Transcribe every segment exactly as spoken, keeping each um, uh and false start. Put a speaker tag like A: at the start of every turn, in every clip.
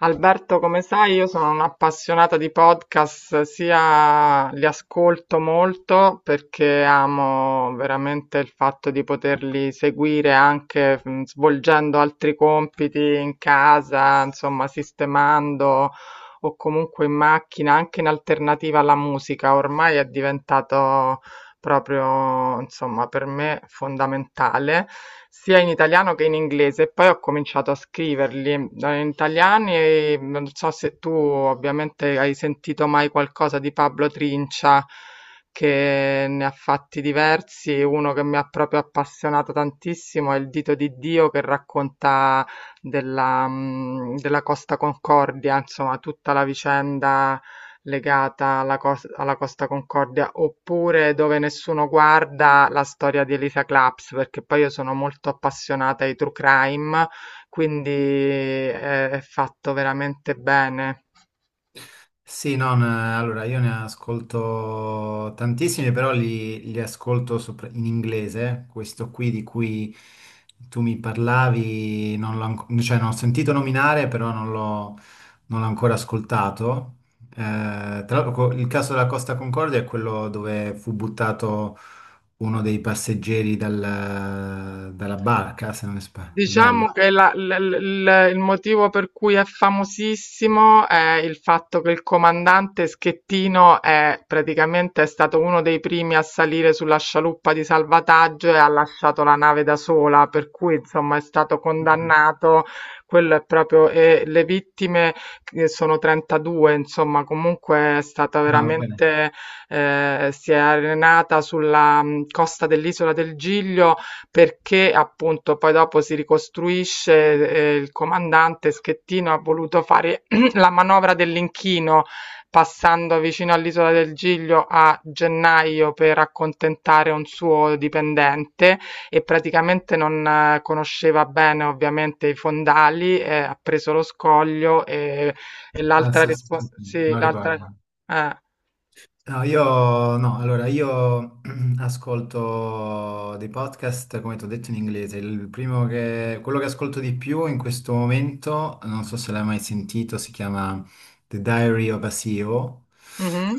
A: Alberto, come sai, io sono un'appassionata di podcast, sia li ascolto molto perché amo veramente il fatto di poterli seguire anche mh, svolgendo altri compiti in casa, insomma, sistemando o comunque in macchina, anche in alternativa alla musica. Ormai è diventato proprio, insomma, per me fondamentale, sia in italiano che in inglese. E poi ho cominciato a scriverli eh, in italiano e non so se tu ovviamente hai sentito mai qualcosa di Pablo Trincia. Che ne ha fatti diversi, uno che mi ha proprio appassionato tantissimo è Il dito di Dio, che racconta della, mm, della Costa Concordia, insomma, tutta la vicenda legata alla, cos- alla Costa Concordia, oppure Dove nessuno guarda, la storia di Elisa Claps, perché poi io sono molto appassionata ai true crime, quindi eh, è fatto veramente bene.
B: Sì, no, n- allora io ne ascolto tantissimi, però li, li ascolto sopra- in inglese. Questo qui di cui tu mi parlavi, non l'ho, anco- cioè, non ho sentito nominare, però non l'ho non l'ho ancora ascoltato. Eh, Tra l'altro, co- il caso della Costa Concordia è quello dove fu buttato uno dei passeggeri dal- dalla barca, se non sba- sbaglio.
A: Diciamo che la- l- l- l- il motivo per cui è famosissimo è il fatto che il comandante Schettino è praticamente è stato uno dei primi a salire sulla scialuppa di salvataggio e ha lasciato la nave da sola, per cui insomma è stato condannato. Quello è proprio, e le vittime che sono trentadue, insomma, comunque è stata
B: Ah, ok.
A: veramente, eh, si è arenata sulla mh, costa dell'isola del Giglio, perché appunto poi dopo si ricostruisce, ehm, il comandante Schettino ha voluto fare la manovra dell'inchino, passando vicino all'isola del Giglio a gennaio per accontentare un suo dipendente e praticamente non eh, conosceva bene ovviamente i fondali, ehm, ha preso lo scoglio e e
B: Ah,
A: l'altra
B: sì, sì,
A: respo
B: sì, sì,
A: sì,
B: non
A: l'altra
B: ricordo.
A: eh.
B: No, io no, allora io ascolto dei podcast, come ti ho detto in inglese. Il primo che, quello che ascolto di più in questo momento, non so se l'hai mai sentito, si chiama The Diary of a C E O,
A: Mh-mh.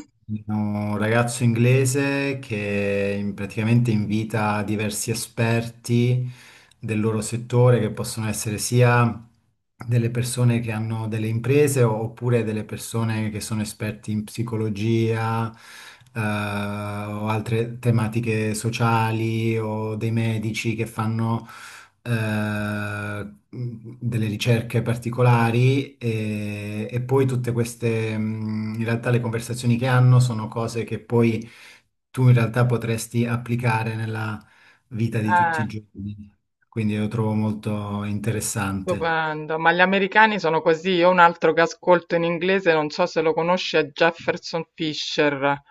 B: un ragazzo inglese che in- praticamente invita diversi esperti del loro settore, che possono essere sia delle persone che hanno delle imprese o- oppure delle persone che sono esperti in psicologia, eh, o altre tematiche sociali o dei medici che fanno eh, delle ricerche particolari e, e poi tutte queste, mh, in realtà le conversazioni che hanno sono cose che poi tu in realtà potresti applicare nella vita di tutti
A: Eh.
B: i giorni. Quindi lo trovo molto interessante.
A: Stupendo, ma gli americani sono così. Io un altro che ascolto in inglese, non so se lo conosci, è Jefferson Fisher,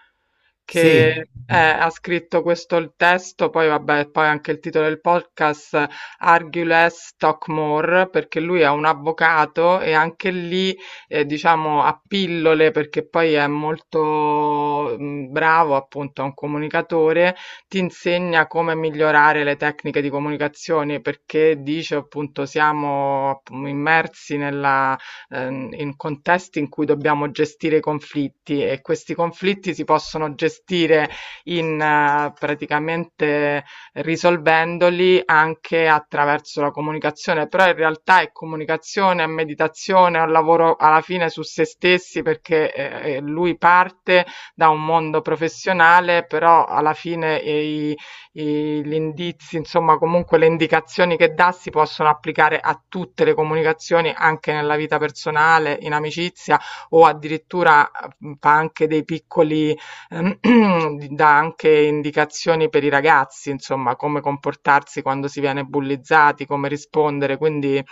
A: che
B: Sì.
A: eh, ha scritto questo il testo, poi vabbè, poi anche il titolo del podcast, Argue Less, Talk More, perché lui è un avvocato e anche lì, eh, diciamo, a pillole, perché poi è molto mm, bravo, appunto, è un comunicatore, ti insegna come migliorare le tecniche di comunicazione perché dice appunto siamo appu- immersi nella, ehm, in contesti in cui dobbiamo gestire i conflitti e questi conflitti si possono gestire in eh, praticamente risolvendoli anche attraverso la comunicazione, però in realtà è comunicazione, è meditazione, è un lavoro alla fine su se stessi perché eh, eh, lui parte da un mondo professionale, però alla fine i, i- gli indizi, insomma, comunque le indicazioni che dà si possono applicare a tutte le comunicazioni, anche nella vita personale, in amicizia o addirittura mh, fa anche dei piccoli, eh, dà anche indicazioni per i ragazzi, insomma, come comportarsi quando si viene bullizzati, come rispondere, quindi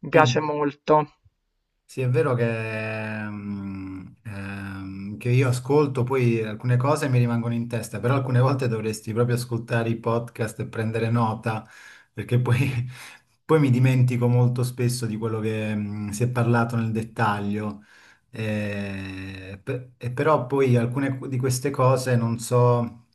A: mi
B: Sì.
A: piace molto.
B: Sì, è vero che, mm, ehm, che io ascolto poi alcune cose mi rimangono in testa, però alcune volte dovresti proprio ascoltare i podcast e prendere nota, perché poi, poi mi dimentico molto spesso di quello che, mm, si è parlato nel dettaglio. Eh, pe- e però poi alcune di queste cose non so,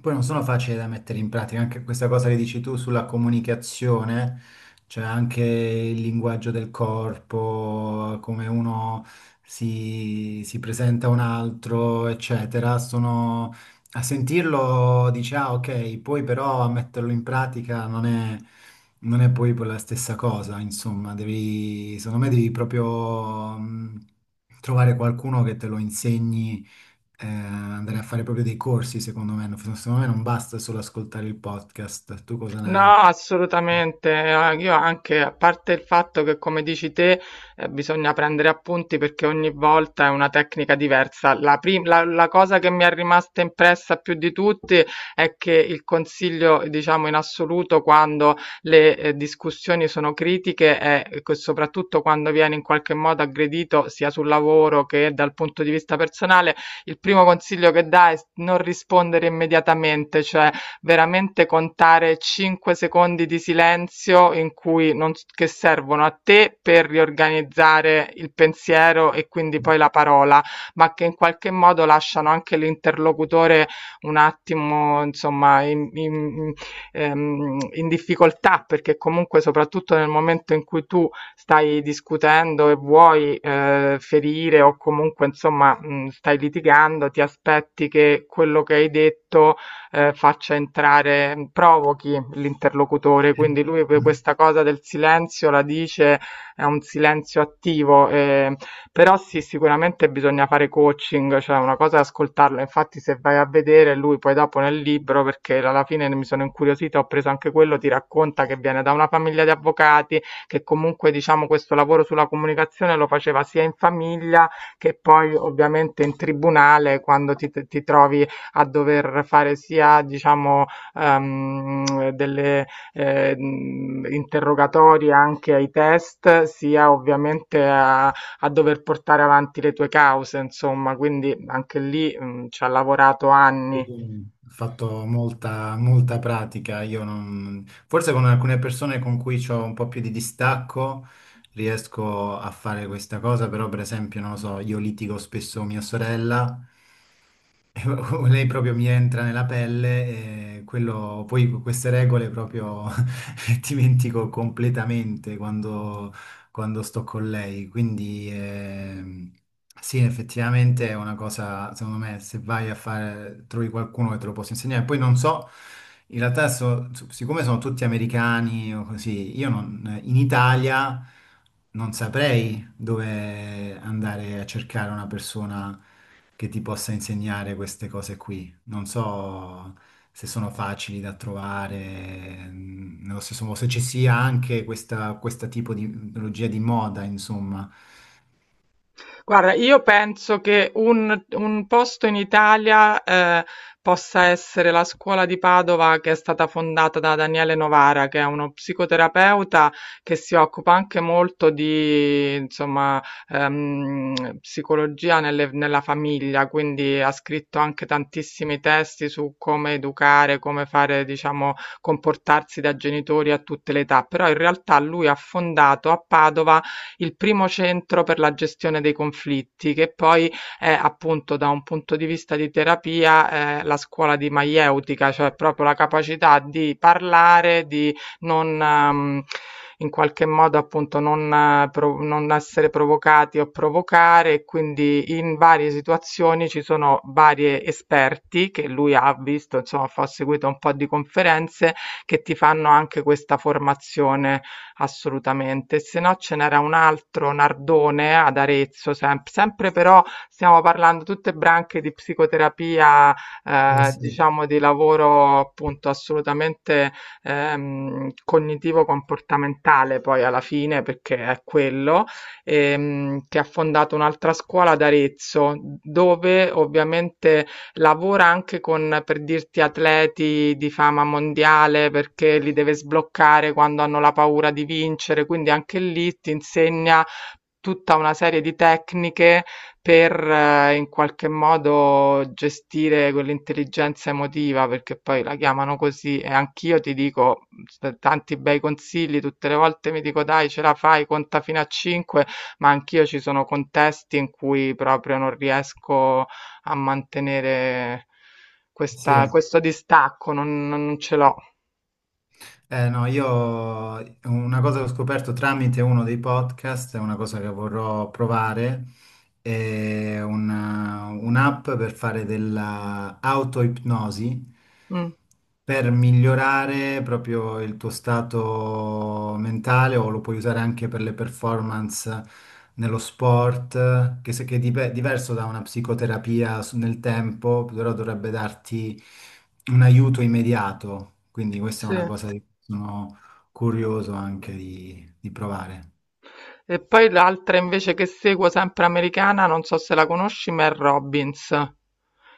B: poi non sono facili da mettere in pratica, anche questa cosa che dici tu sulla comunicazione. C'è anche il linguaggio del corpo, come uno si, si presenta a un altro, eccetera. Sono, a sentirlo dice, ah, ok, poi però a metterlo in pratica non è, non è poi la stessa cosa, insomma, devi, secondo me devi proprio mh, trovare qualcuno che te lo insegni, eh, andare a fare proprio dei corsi, secondo me. Non- Secondo me non basta solo ascoltare il podcast. Tu cosa
A: No,
B: ne
A: assolutamente. eh, Io anche, a parte il fatto che, come dici te, eh, bisogna prendere appunti perché ogni volta è una tecnica diversa. La, prim- la, la cosa che mi è rimasta impressa più di tutti è che il consiglio, diciamo, in assoluto quando le eh, discussioni sono critiche è che soprattutto quando viene in qualche modo aggredito sia sul lavoro che dal punto di vista personale, il primo consiglio che dà è non rispondere immediatamente, cioè veramente contare cinque secondi di silenzio in cui non s che servono a te per riorganizzare il pensiero e quindi poi la parola, ma che in qualche modo lasciano anche l'interlocutore un attimo, insomma, in, in, ehm, in difficoltà, perché comunque soprattutto nel momento in cui tu stai discutendo e vuoi eh, ferire o comunque, insomma, mh, stai litigando, ti aspetti che quello che hai detto eh, faccia entrare, mm, provochi l'interlocutore.
B: eh,
A: Quindi lui per
B: no.
A: questa cosa del silenzio la dice, è un silenzio attivo, eh, però sì, sicuramente bisogna fare coaching, cioè una cosa è ascoltarlo. Infatti, se vai a vedere lui poi dopo nel libro, perché alla fine mi sono incuriosita, ho preso anche quello, ti racconta che viene da una famiglia di avvocati, che comunque diciamo questo lavoro sulla comunicazione lo faceva sia in famiglia che poi ovviamente in tribunale quando ti, ti trovi a dover fare sia, diciamo, ehm, delle eh, interrogatori anche ai test, sia ovviamente a, a dover portare avanti le tue cause, insomma, quindi anche lì mh, ci ha lavorato
B: Sì,
A: anni.
B: ho fatto molta, molta pratica. Io non... Forse con alcune persone con cui ho un po' più di distacco riesco a fare questa cosa, però per esempio, non lo so, io litigo spesso con mia sorella o lei proprio mi entra nella pelle e quello, poi queste regole proprio dimentico completamente quando, quando sto con lei. Quindi ehm, sì, effettivamente è una cosa, secondo me, se vai a fare, trovi qualcuno che te lo possa insegnare. Poi non so, in realtà so- siccome sono tutti americani o così, io non, in Italia non saprei dove andare a cercare una persona che ti possa insegnare queste cose qui. Non so se sono facili da trovare, mm, nello stesso modo, se ci sia anche questa, questa tipo di tecnologia di moda, insomma.
A: Guarda, io penso che un, un posto in Italia eh, possa essere la scuola di Padova, che è stata fondata da Daniele Novara, che è uno psicoterapeuta che si occupa anche molto di, insomma, ehm, psicologia nelle- nella famiglia, quindi ha scritto anche tantissimi testi su come educare, come fare, diciamo, comportarsi da genitori a tutte le età, però in realtà lui ha fondato a Padova il primo centro per la gestione dei conflitti, che poi è appunto da un punto di vista di terapia, eh, la scuola di maieutica, cioè proprio la capacità di parlare, di non, ehm, in qualche modo appunto non, eh, pro- non essere provocati o provocare, e quindi in varie situazioni ci sono vari esperti che lui ha visto, insomma, fa- ho seguito un po' di conferenze che ti fanno anche questa formazione assolutamente. Se no ce n'era un altro, Nardone, ad Arezzo, sem- sempre però stiamo parlando tutte branche di psicoterapia,
B: Eh
A: eh,
B: sì,
A: diciamo di lavoro appunto assolutamente ehm, cognitivo-comportamentale poi alla fine, perché è quello, ehm, che ha fondato un'altra scuola ad Arezzo, dove ovviamente lavora anche con, per dirti, atleti di fama mondiale perché li deve sbloccare quando hanno la paura di vincere, quindi anche lì ti insegna tutta una serie di tecniche per eh, in qualche modo gestire quell'intelligenza emotiva, perché poi la chiamano così e anch'io ti dico s- tanti bei consigli, tutte le volte mi dico dai, ce la fai, conta fino a cinque, ma anch'io ci sono contesti in cui proprio non riesco a mantenere questa-
B: sì,
A: questo distacco, non, non ce l'ho.
B: eh, no, io una cosa che ho scoperto tramite uno dei podcast, è una cosa che vorrò provare, è una- un'app per fare dell'autoipnosi
A: Mm,
B: per migliorare proprio il tuo stato mentale o lo puoi usare anche per le performance nello sport, che, se- che è dive- diverso da una psicoterapia su- nel tempo, però dovrebbe darti un aiuto immediato. Quindi questa è
A: sì.
B: una cosa sono curioso anche di, di provare.
A: E poi l'altra invece che seguo, sempre americana, non so se la conosci, Mel Robbins.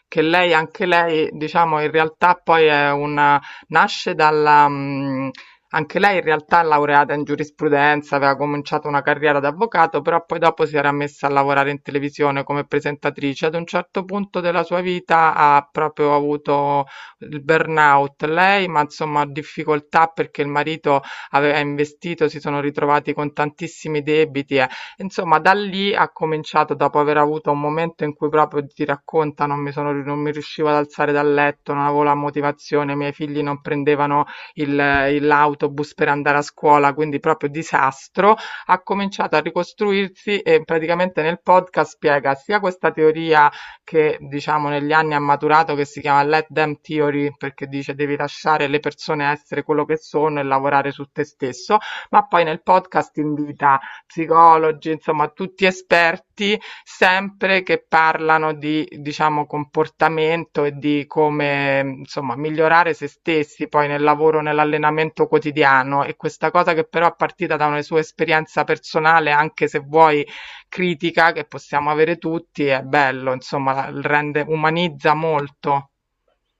A: Che lei anche lei, diciamo, in realtà poi è una, nasce dalla mhmm, anche lei in realtà è laureata in giurisprudenza, aveva cominciato una carriera da avvocato, però poi dopo si era messa a lavorare in televisione come presentatrice. Ad un certo punto della sua vita ha proprio avuto il burnout lei, ma insomma difficoltà perché il marito aveva investito, si sono ritrovati con tantissimi debiti. Insomma, da lì ha cominciato, dopo aver avuto un momento in cui proprio ti racconta, non mi sono, non mi riuscivo ad alzare dal letto, non avevo la motivazione, i miei figli non prendevano il- il- l'autobus per andare a scuola, quindi proprio disastro, ha cominciato a ricostruirsi e praticamente nel podcast spiega sia questa teoria che diciamo negli anni ha maturato, che si chiama Let Them Theory, perché dice devi lasciare le persone essere quello che sono e lavorare su te stesso, ma poi nel podcast invita psicologi, insomma tutti esperti, sempre che parlano di, diciamo, comportamento e di come, insomma, migliorare se stessi poi nel lavoro, nell'allenamento quotidiano. E questa cosa che però è partita da una sua esperienza personale, anche se vuoi critica, che possiamo avere tutti, è bello, insomma, rende, umanizza molto.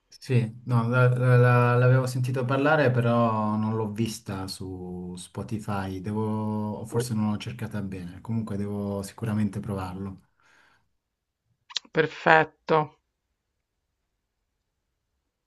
B: Sì, no, la- la- la- l'avevo sentito parlare, però non l'ho vista su Spotify. Devo, o forse non l'ho cercata bene. Comunque devo sicuramente provarlo.
A: Perfetto.